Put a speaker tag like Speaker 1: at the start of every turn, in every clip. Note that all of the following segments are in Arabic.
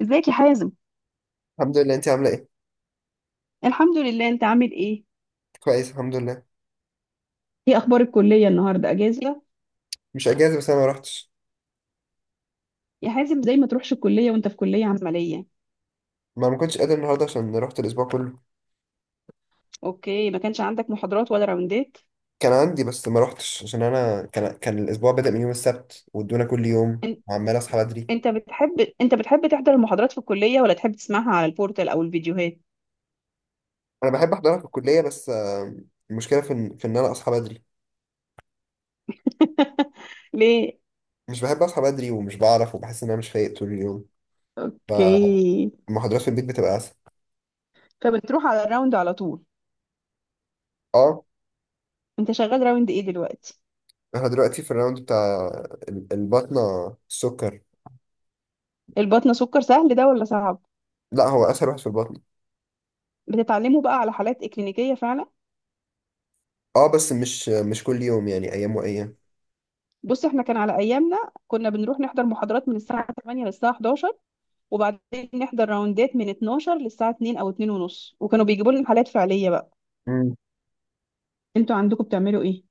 Speaker 1: ازيك يا حازم؟
Speaker 2: الحمد لله، انت عامله ايه؟
Speaker 1: الحمد لله، انت عامل ايه؟
Speaker 2: كويس، الحمد لله.
Speaker 1: ايه اخبار الكليه؟ النهارده اجازه؟
Speaker 2: مش اجازه، بس انا ما روحتش.
Speaker 1: يا حازم زي ما تروحش الكليه وانت في كليه عمليه.
Speaker 2: ما كنتش قادر النهارده عشان رحت الاسبوع كله.
Speaker 1: اوكي، ما كانش عندك محاضرات ولا راوندات؟
Speaker 2: كان عندي، بس ما روحتش عشان انا كان الاسبوع بدأ من يوم السبت، وادونا كل يوم
Speaker 1: ان-
Speaker 2: وعمال اصحى بدري.
Speaker 1: انت بتحب، انت بتحب تحضر المحاضرات في الكليه ولا تحب تسمعها على البورتال او الفيديوهات؟
Speaker 2: انا بحب احضرها في الكليه، بس المشكله في ان انا اصحى بدري.
Speaker 1: ليه؟
Speaker 2: مش بحب اصحى بدري، ومش بعرف، وبحس ان انا مش فايق طول اليوم.
Speaker 1: اوكي.
Speaker 2: فالمحاضرات في البيت بتبقى اسهل.
Speaker 1: فبتروح على الراوند على طول؟
Speaker 2: اه.
Speaker 1: انت شغال راوند ايه دلوقتي؟
Speaker 2: احنا دلوقتي في الراوند بتاع البطنه، السكر.
Speaker 1: البطنه سكر سهل ده ولا صعب؟
Speaker 2: لا، هو اسهل واحد في البطن.
Speaker 1: بتتعلموا بقى على حالات اكلينيكيه فعلا؟
Speaker 2: اه، بس مش كل يوم، يعني ايام وايام.
Speaker 1: بص، احنا كان على ايامنا كنا بنروح نحضر محاضرات من الساعه 8 للساعه 11، وبعدين نحضر راوندات من 12 للساعة 2 أو 2 ونص، وكانوا بيجيبوا لنا حالات فعلية بقى. انتوا عندكم بتعملوا ايه؟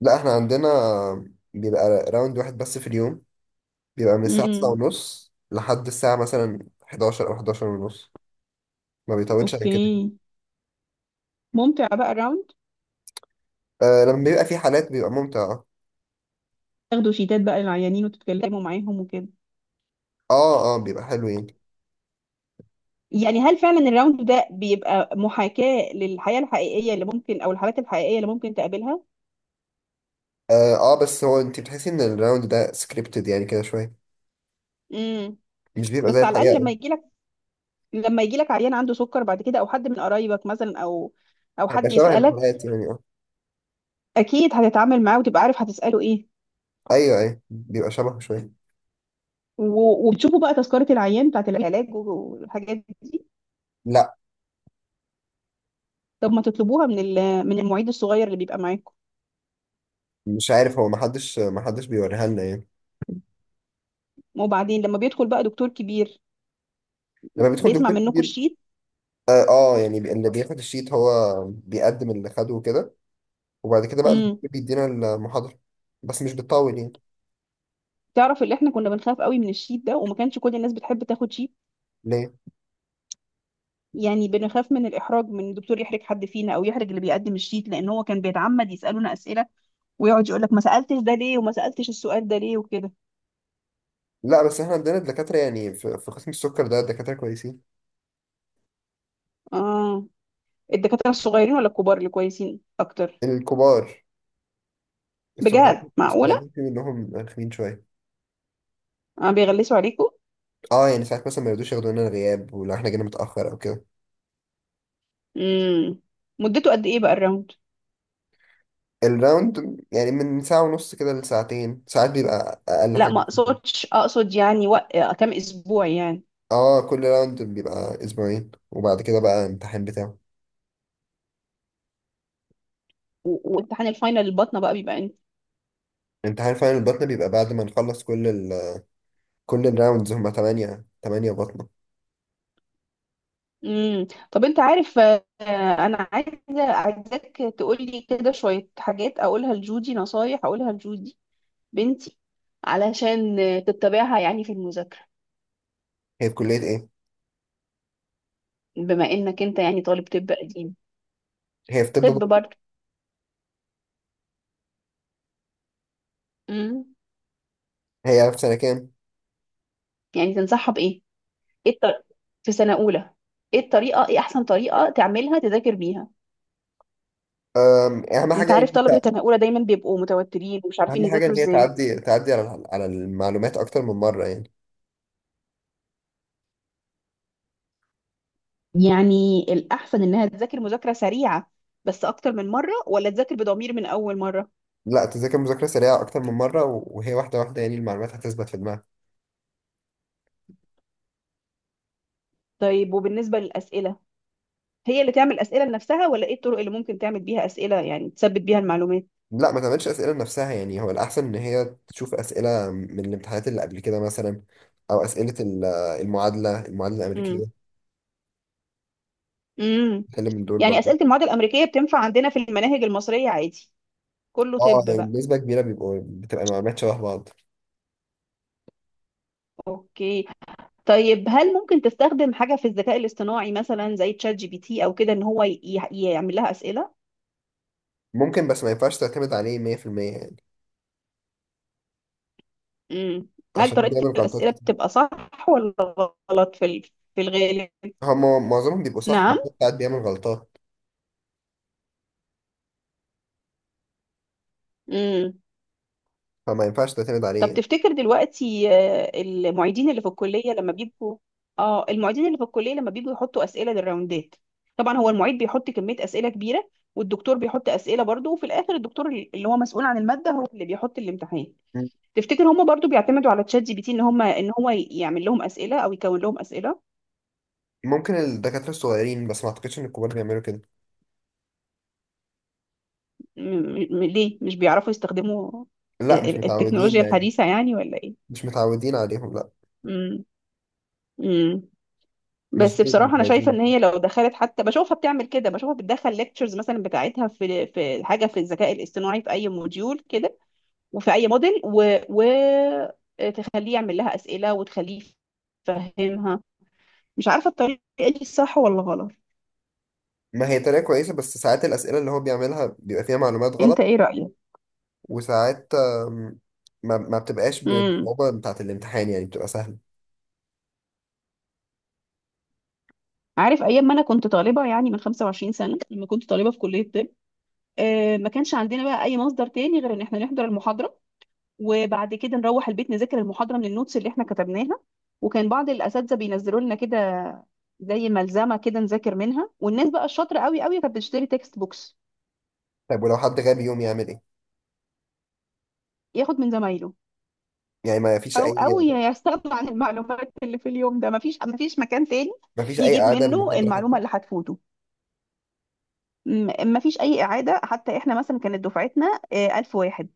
Speaker 2: لا، احنا عندنا بيبقى راوند واحد بس في اليوم. بيبقى من الساعة تسعة
Speaker 1: امم،
Speaker 2: ونص لحد الساعة مثلا 11 أو 11 ونص. ما بيطولش عن كده.
Speaker 1: اوكي. ممتع بقى الراوند؟
Speaker 2: آه، لما بيبقى في حالات بيبقى ممتع، اه.
Speaker 1: تاخدوا شيتات بقى للعيانين وتتكلموا معاهم وكده؟
Speaker 2: اه، بيبقى حلو يعني.
Speaker 1: يعني هل فعلا الراوند ده بيبقى محاكاة للحياة الحقيقية اللي ممكن، أو الحالات الحقيقية اللي ممكن تقابلها؟
Speaker 2: اه، بس هو انت بتحسي ان الراوند ده سكريبتد يعني كده شوية.
Speaker 1: امم.
Speaker 2: مش بيبقى زي
Speaker 1: بس على الأقل
Speaker 2: الحقيقة
Speaker 1: لما
Speaker 2: أوي.
Speaker 1: يجيلك، لما يجيلك عيان عنده سكر بعد كده، أو حد من قرايبك مثلا، أو أو
Speaker 2: هيبقى
Speaker 1: حد
Speaker 2: شبه
Speaker 1: يسألك،
Speaker 2: الحلقات يعني، اه.
Speaker 1: أكيد هتتعامل معاه وتبقى عارف هتسأله ايه.
Speaker 2: ايوه، ايوه، بيبقى شبه شوية.
Speaker 1: وبتشوفوا بقى تذكرة العيان بتاعت العلاج والحاجات دي؟
Speaker 2: لا،
Speaker 1: طب ما تطلبوها من من المعيد الصغير اللي بيبقى معاكم.
Speaker 2: مش عارف، هو محدش بيوريها لنا يعني.
Speaker 1: وبعدين لما بيدخل بقى دكتور كبير،
Speaker 2: لما بيدخل
Speaker 1: بيسمع
Speaker 2: دكتور
Speaker 1: منكم
Speaker 2: كبير.
Speaker 1: الشيت؟
Speaker 2: اه، يعني اللي بياخد الشيت هو بيقدم اللي خده وكده. وبعد كده بقى
Speaker 1: امم.
Speaker 2: الدكتور بيدينا المحاضرة، بس مش بتطول يعني.
Speaker 1: تعرف، اللي احنا كنا بنخاف قوي من الشيت ده، وما كانش كل الناس بتحب تاخد شيت.
Speaker 2: ليه؟
Speaker 1: يعني بنخاف من الاحراج، من الدكتور يحرج حد فينا او يحرج اللي بيقدم الشيت، لان هو كان بيتعمد يسالونا اسئله ويقعد يقول لك ما سالتش ده ليه وما سالتش السؤال ده ليه وكده.
Speaker 2: لا، بس احنا عندنا دكاترة يعني في قسم السكر ده دكاترة كويسين.
Speaker 1: اه، الدكاتره الصغيرين ولا الكبار اللي كويسين اكتر؟
Speaker 2: الكبار.
Speaker 1: بجد؟
Speaker 2: الصغيرين
Speaker 1: معقوله؟
Speaker 2: الصغيرين في منهم رخمين شوية.
Speaker 1: اه، بيغلسوا عليكم؟
Speaker 2: اه، يعني ساعات مثلا ما يرضوش ياخدوا لنا الغياب، ولو احنا جينا متأخر او كده.
Speaker 1: امم. مدته قد ايه بقى الراوند؟
Speaker 2: الراوند يعني من ساعة ونص كده لساعتين، ساعات بيبقى أقل
Speaker 1: لا
Speaker 2: حاجة.
Speaker 1: ما اقصدش، اقصد يعني وق... آه، كام اسبوع يعني.
Speaker 2: اه، كل راوند بيبقى أسبوعين، وبعد كده بقى امتحان بتاعه.
Speaker 1: وامتحان الفاينل البطنه بقى بيبقى امتى؟
Speaker 2: امتحان فعلا البطنة بيبقى بعد ما نخلص كل الراوندز، هما تمانية بطنة.
Speaker 1: امم. طب انت عارف، انا عايزاك تقولي كده شويه حاجات اقولها لجودي، نصايح اقولها لجودي بنتي، علشان تتبعها يعني في المذاكره.
Speaker 2: هي في كلية ايه؟
Speaker 1: بما انك انت يعني طالب طب قديم.
Speaker 2: هي في طب
Speaker 1: طب
Speaker 2: برضه.
Speaker 1: برضه. امم.
Speaker 2: هي في سنة كام؟
Speaker 1: يعني تنصحها بايه؟ ايه الطر... في سنه اولى. ايه الطريقه، ايه احسن طريقه تعملها تذاكر بيها؟
Speaker 2: أهم
Speaker 1: انت
Speaker 2: حاجة إن
Speaker 1: عارف
Speaker 2: أنت.
Speaker 1: طلبة سنة أولى دايما بيبقوا متوترين ومش عارفين
Speaker 2: أهم حاجة
Speaker 1: يذاكروا
Speaker 2: إن هي
Speaker 1: ازاي.
Speaker 2: تعدي على المعلومات أكتر من مرة يعني.
Speaker 1: يعني الأحسن إنها تذاكر مذاكرة سريعة بس أكتر من مرة، ولا تذاكر بضمير من أول مرة؟
Speaker 2: لا، تذاكر مذاكرة سريعة أكتر من مرة، و- وهي واحدة واحدة، يعني المعلومات هتثبت في دماغك.
Speaker 1: طيب وبالنسبة للأسئلة، هي اللي تعمل أسئلة لنفسها، ولا إيه الطرق اللي ممكن تعمل بيها أسئلة يعني تثبت بيها المعلومات؟
Speaker 2: لا، ما تعملش أسئلة لنفسها، يعني هو الأحسن إن هي تشوف أسئلة من الامتحانات اللي قبل كده مثلا، أو أسئلة المعادلة
Speaker 1: امم.
Speaker 2: الأمريكية.
Speaker 1: امم.
Speaker 2: تتكلم من دول
Speaker 1: يعني
Speaker 2: برضه.
Speaker 1: أسئلة المواد الأمريكية بتنفع عندنا في المناهج المصرية عادي؟ كله
Speaker 2: أه،
Speaker 1: طب
Speaker 2: يعني
Speaker 1: بقى.
Speaker 2: بنسبة كبيرة بتبقى المعلومات شبه بعض.
Speaker 1: أوكي. طيب هل ممكن تستخدم حاجة في الذكاء الاصطناعي مثلا زي تشات جي بي تي أو كده إن هو يعمل لها أسئلة؟
Speaker 2: ممكن، بس ما ينفعش تعتمد عليه 100% يعني،
Speaker 1: مم. هل
Speaker 2: عشان
Speaker 1: طريقة
Speaker 2: بيعمل غلطات.
Speaker 1: الأسئلة بتبقى صح ولا غلط في في الغالب؟
Speaker 2: هما معظمهم بيبقوا صح، بس
Speaker 1: نعم.
Speaker 2: هو ساعات بيعمل غلطات،
Speaker 1: مم.
Speaker 2: فما ينفعش تعتمد عليه
Speaker 1: طب
Speaker 2: يعني.
Speaker 1: تفتكر دلوقتي، المعيدين اللي في الكلية لما بيجوا يحطوا أسئلة للراوندات، طبعا هو المعيد بيحط كمية أسئلة كبيرة والدكتور بيحط أسئلة برضه، وفي الآخر الدكتور اللي هو مسؤول عن المادة هو اللي بيحط الامتحان،
Speaker 2: مم.
Speaker 1: تفتكر هم برضه بيعتمدوا على تشات جي بي تي ان هم ان هو يعمل لهم أسئلة او يكون لهم أسئلة؟
Speaker 2: ممكن الدكاترة الصغيرين، بس ما اعتقدش ان الكبار بيعملوا كده.
Speaker 1: م- ليه، مش بيعرفوا يستخدموا
Speaker 2: لا، مش متعودين
Speaker 1: التكنولوجيا
Speaker 2: يعني.
Speaker 1: الحديثة يعني ولا ايه؟
Speaker 2: مش متعودين عليهم، لا.
Speaker 1: مم. مم.
Speaker 2: مش
Speaker 1: بس
Speaker 2: زي
Speaker 1: بصراحة أنا شايفة
Speaker 2: المتعودين.
Speaker 1: إن هي لو دخلت، حتى بشوفها بتعمل كده، بشوفها بتدخل ليكتشرز مثلا بتاعتها في في حاجة في الذكاء الاصطناعي في أي موديول كده، وفي أي موديل و... تخليه يعمل لها أسئلة وتخليه يفهمها. مش عارفة الطريقة دي صح ولا غلط.
Speaker 2: ما هي طريقة كويسة، بس ساعات الأسئلة اللي هو بيعملها بيبقى فيها معلومات
Speaker 1: أنت
Speaker 2: غلط.
Speaker 1: إيه رأيك؟
Speaker 2: وساعات، آم، ما بتبقاش
Speaker 1: مم.
Speaker 2: بالصعوبة بتاعة الامتحان، يعني بتبقى سهلة.
Speaker 1: عارف، أيام ما أنا كنت طالبة، يعني من 25 سنة لما كنت طالبة في كلية طب، ما كانش عندنا بقى اي مصدر تاني غير ان احنا نحضر المحاضره، وبعد كده نروح البيت نذاكر المحاضره من النوتس اللي احنا كتبناها. وكان بعض الاساتذه بينزلوا لنا كده زي ملزمه كده نذاكر منها، والناس بقى الشاطره قوي قوي كانت بتشتري تكست بوكس.
Speaker 2: طيب، ولو حد غاب يوم يعمل ايه؟
Speaker 1: ياخد من زمايله،
Speaker 2: يعني ما فيش أي.
Speaker 1: او يستغنى عن المعلومات اللي في اليوم ده. مفيش، مكان تاني
Speaker 2: ما فيش أي
Speaker 1: يجيب
Speaker 2: إعادة
Speaker 1: منه
Speaker 2: للمحاضرة حتى.
Speaker 1: المعلومه اللي هتفوته. مفيش اي اعاده حتى. احنا مثلا كانت دفعتنا 1000 واحد،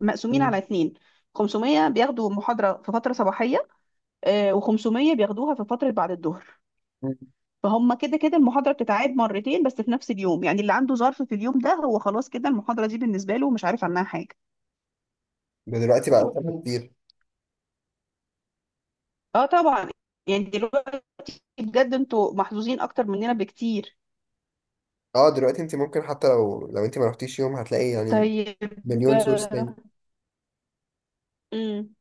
Speaker 1: مقسومين
Speaker 2: مم.
Speaker 1: على اتنين. 500 بياخدوا محاضره في فتره صباحيه، و500 بياخدوها في فترة بعد الظهر.
Speaker 2: مم.
Speaker 1: فهم كده كده المحاضرة بتتعاد مرتين بس في نفس اليوم، يعني اللي عنده ظرف في اليوم ده هو خلاص كده المحاضرة دي بالنسبة له مش عارف عنها حاجة.
Speaker 2: ده دلوقتي بقى أسهل كتير.
Speaker 1: اه طبعا. يعني دلوقتي بجد انتوا محظوظين اكتر مننا بكتير.
Speaker 2: اه، دلوقتي انت ممكن حتى لو انت ما رحتيش يوم هتلاقي يعني
Speaker 1: طيب.
Speaker 2: مليون سورس
Speaker 1: آه،
Speaker 2: تاني.
Speaker 1: مم.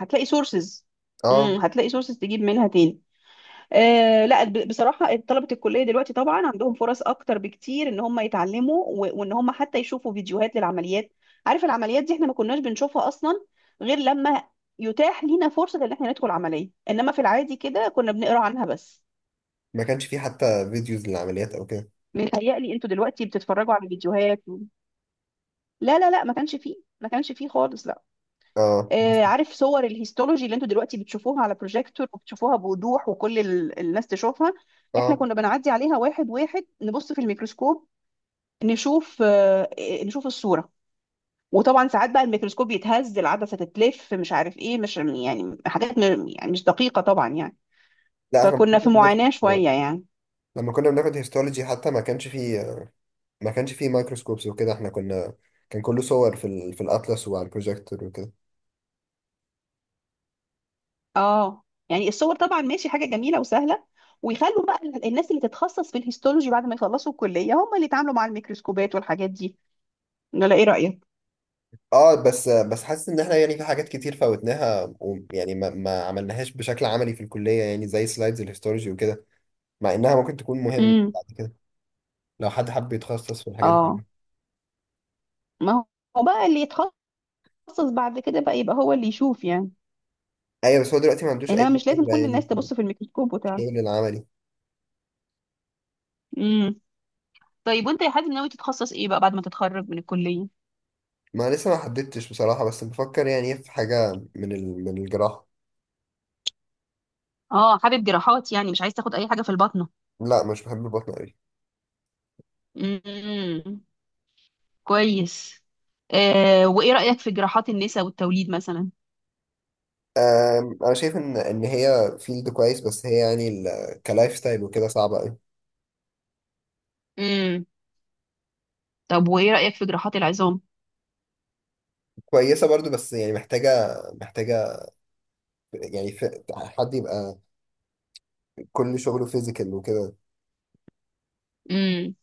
Speaker 1: هتلاقي سورسز.
Speaker 2: اه.
Speaker 1: امم، هتلاقي سورسز تجيب منها تاني. آه لا، بصراحة طلبة الكلية دلوقتي طبعا عندهم فرص أكتر بكتير إن هم يتعلموا، وإن هم حتى يشوفوا فيديوهات للعمليات. عارف، العمليات دي إحنا ما كناش بنشوفها أصلا غير لما يتاح لينا فرصة إن إحنا ندخل عملية، إنما في العادي كده كنا بنقرأ عنها بس.
Speaker 2: ما كانش فيه حتى فيديوز للعمليات او كده؟
Speaker 1: متهيألي أنتوا دلوقتي بتتفرجوا على فيديوهات لا لا لا، ما كانش فيه، ما كانش فيه خالص، لا.
Speaker 2: اه، بس.
Speaker 1: آه، عارف صور الهيستولوجي اللي أنتوا دلوقتي بتشوفوها على بروجيكتور وبتشوفوها بوضوح وكل الناس تشوفها، إحنا
Speaker 2: اه.
Speaker 1: كنا بنعدي عليها واحد واحد نبص في الميكروسكوب، نشوف، نشوف الصورة. وطبعا ساعات بقى الميكروسكوب يتهز، العدسة تتلف، مش عارف ايه، مش يعني حاجات يعني مش دقيقة طبعا يعني.
Speaker 2: لا، احنا
Speaker 1: فكنا في
Speaker 2: كنا بناخد.
Speaker 1: معاناة شوية يعني.
Speaker 2: لما كنا بناخد هيستولوجي حتى ما كانش فيه. ما كانش فيه مايكروسكوبس وكده، احنا كنا كان كله صور في الاطلس وعلى البروجيكتور وكده.
Speaker 1: اه، يعني الصور طبعا ماشي، حاجة جميلة وسهلة، ويخلوا بقى الناس اللي تتخصص في الهيستولوجي بعد ما يخلصوا الكلية هم اللي يتعاملوا مع الميكروسكوبات والحاجات دي. ولا ايه رأيك؟
Speaker 2: اه، بس حاسس ان احنا يعني في حاجات كتير فوتناها، ويعني ما عملناهاش بشكل عملي في الكلية، يعني زي سلايدز الهيستولوجي وكده. مع انها ممكن تكون مهمة
Speaker 1: امم.
Speaker 2: بعد كده، لو حد حب يتخصص في الحاجات
Speaker 1: اه،
Speaker 2: دي.
Speaker 1: ما هو بقى اللي يتخصص بعد كده بقى يبقى هو اللي يشوف يعني.
Speaker 2: ايوه، بس هو دلوقتي ما عندوش
Speaker 1: انما
Speaker 2: اي
Speaker 1: مش لازم
Speaker 2: خبره
Speaker 1: كل
Speaker 2: يعني
Speaker 1: الناس
Speaker 2: في
Speaker 1: تبص في الميكروسكوب وتعرف.
Speaker 2: الشغل العملي.
Speaker 1: طيب، وانت يا حازم ناوي تتخصص ايه بقى بعد ما تتخرج من الكلية؟
Speaker 2: ما لسه ما حددتش بصراحه، بس بفكر يعني في حاجه من الجراحه.
Speaker 1: اه، حابب جراحات يعني، مش عايز تاخد اي حاجة في البطنة؟
Speaker 2: لا، مش بحب البطن قوي.
Speaker 1: امم، كويس. آه وايه رأيك في جراحات النساء والتوليد مثلا؟
Speaker 2: انا شايف ان هي فيلد كويس، بس هي يعني كلايف ستايل وكده صعبه قوي.
Speaker 1: امم. طب وايه رأيك في جراحات العظام؟
Speaker 2: كويسه برضو، بس يعني محتاجه، محتاجه، يعني في حد يبقى كل شغله فيزيكال وكده،
Speaker 1: امم.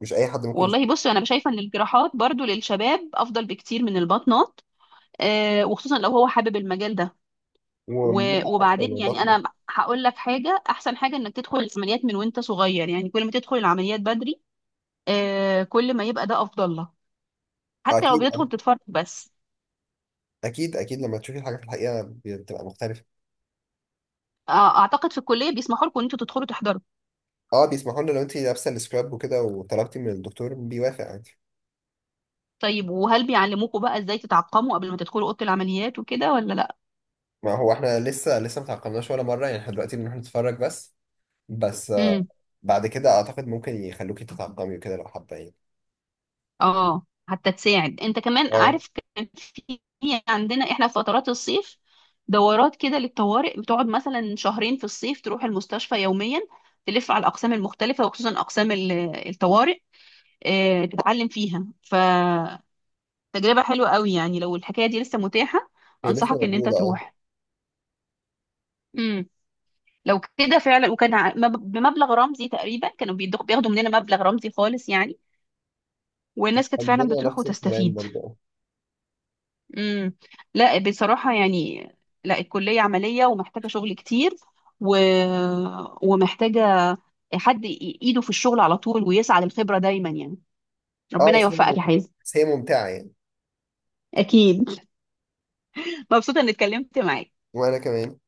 Speaker 2: مش اي حد ممكن يشتغل.
Speaker 1: والله بص، انا شايفة ان الجراحات برضو للشباب افضل بكتير من البطنات. آه، وخصوصا لو هو حابب المجال ده.
Speaker 2: ومتعه اكتر من
Speaker 1: وبعدين يعني
Speaker 2: البطن.
Speaker 1: انا هقول لك حاجة، احسن حاجة انك تدخل العمليات من وانت صغير. يعني كل ما تدخل العمليات بدري، آه، كل ما يبقى ده افضل لك، حتى لو
Speaker 2: اكيد، أه.
Speaker 1: بيدخل تتفرج بس.
Speaker 2: اكيد، اكيد، لما تشوفي الحاجه في الحقيقه بتبقى مختلفه.
Speaker 1: آه، اعتقد في الكليه بيسمحوا لكم ان انتوا تدخلوا تحضروا.
Speaker 2: اه، بيسمحوا لنا لو انت لابسه السكراب وكده وطلبتي من الدكتور بيوافق عادي.
Speaker 1: طيب وهل بيعلموكم بقى ازاي تتعقموا قبل ما تدخلوا اوضه العمليات وكده ولا لا؟
Speaker 2: ما هو احنا لسه ما تعقمناش ولا مره، يعني احنا دلوقتي بنروح نتفرج بس. بس
Speaker 1: امم.
Speaker 2: بعد كده اعتقد ممكن يخلوكي تتعقمي وكده لو حابه يعني.
Speaker 1: اه، حتى تساعد انت كمان،
Speaker 2: اه،
Speaker 1: عارف. كان في عندنا احنا في فترات الصيف دورات كده للطوارئ، بتقعد مثلا شهرين في الصيف تروح المستشفى يوميا، تلف على الاقسام المختلفه وخصوصا اقسام الطوارئ. آه، تتعلم فيها، فتجربه حلوه قوي يعني. لو الحكايه دي لسه متاحه
Speaker 2: هي لسه
Speaker 1: انصحك ان انت
Speaker 2: موجوده، اه.
Speaker 1: تروح. لو كده فعلا، وكان بمبلغ رمزي تقريبا، كانوا بياخدوا مننا مبلغ رمزي خالص يعني، والناس كانت فعلا
Speaker 2: عندنا
Speaker 1: بتروح
Speaker 2: نفس الكلام
Speaker 1: وتستفيد.
Speaker 2: برضه، اه.
Speaker 1: امم. لا بصراحة يعني، لا، الكلية عملية ومحتاجة شغل كتير، و... ومحتاجة حد ايده في الشغل على طول ويسعى للخبرة دايما يعني.
Speaker 2: اه،
Speaker 1: ربنا
Speaker 2: بس هي،
Speaker 1: يوفقك يا حازم.
Speaker 2: بس هي ممتعه يعني.
Speaker 1: اكيد. مبسوطة اني اتكلمت معاك.
Speaker 2: وانا كمان.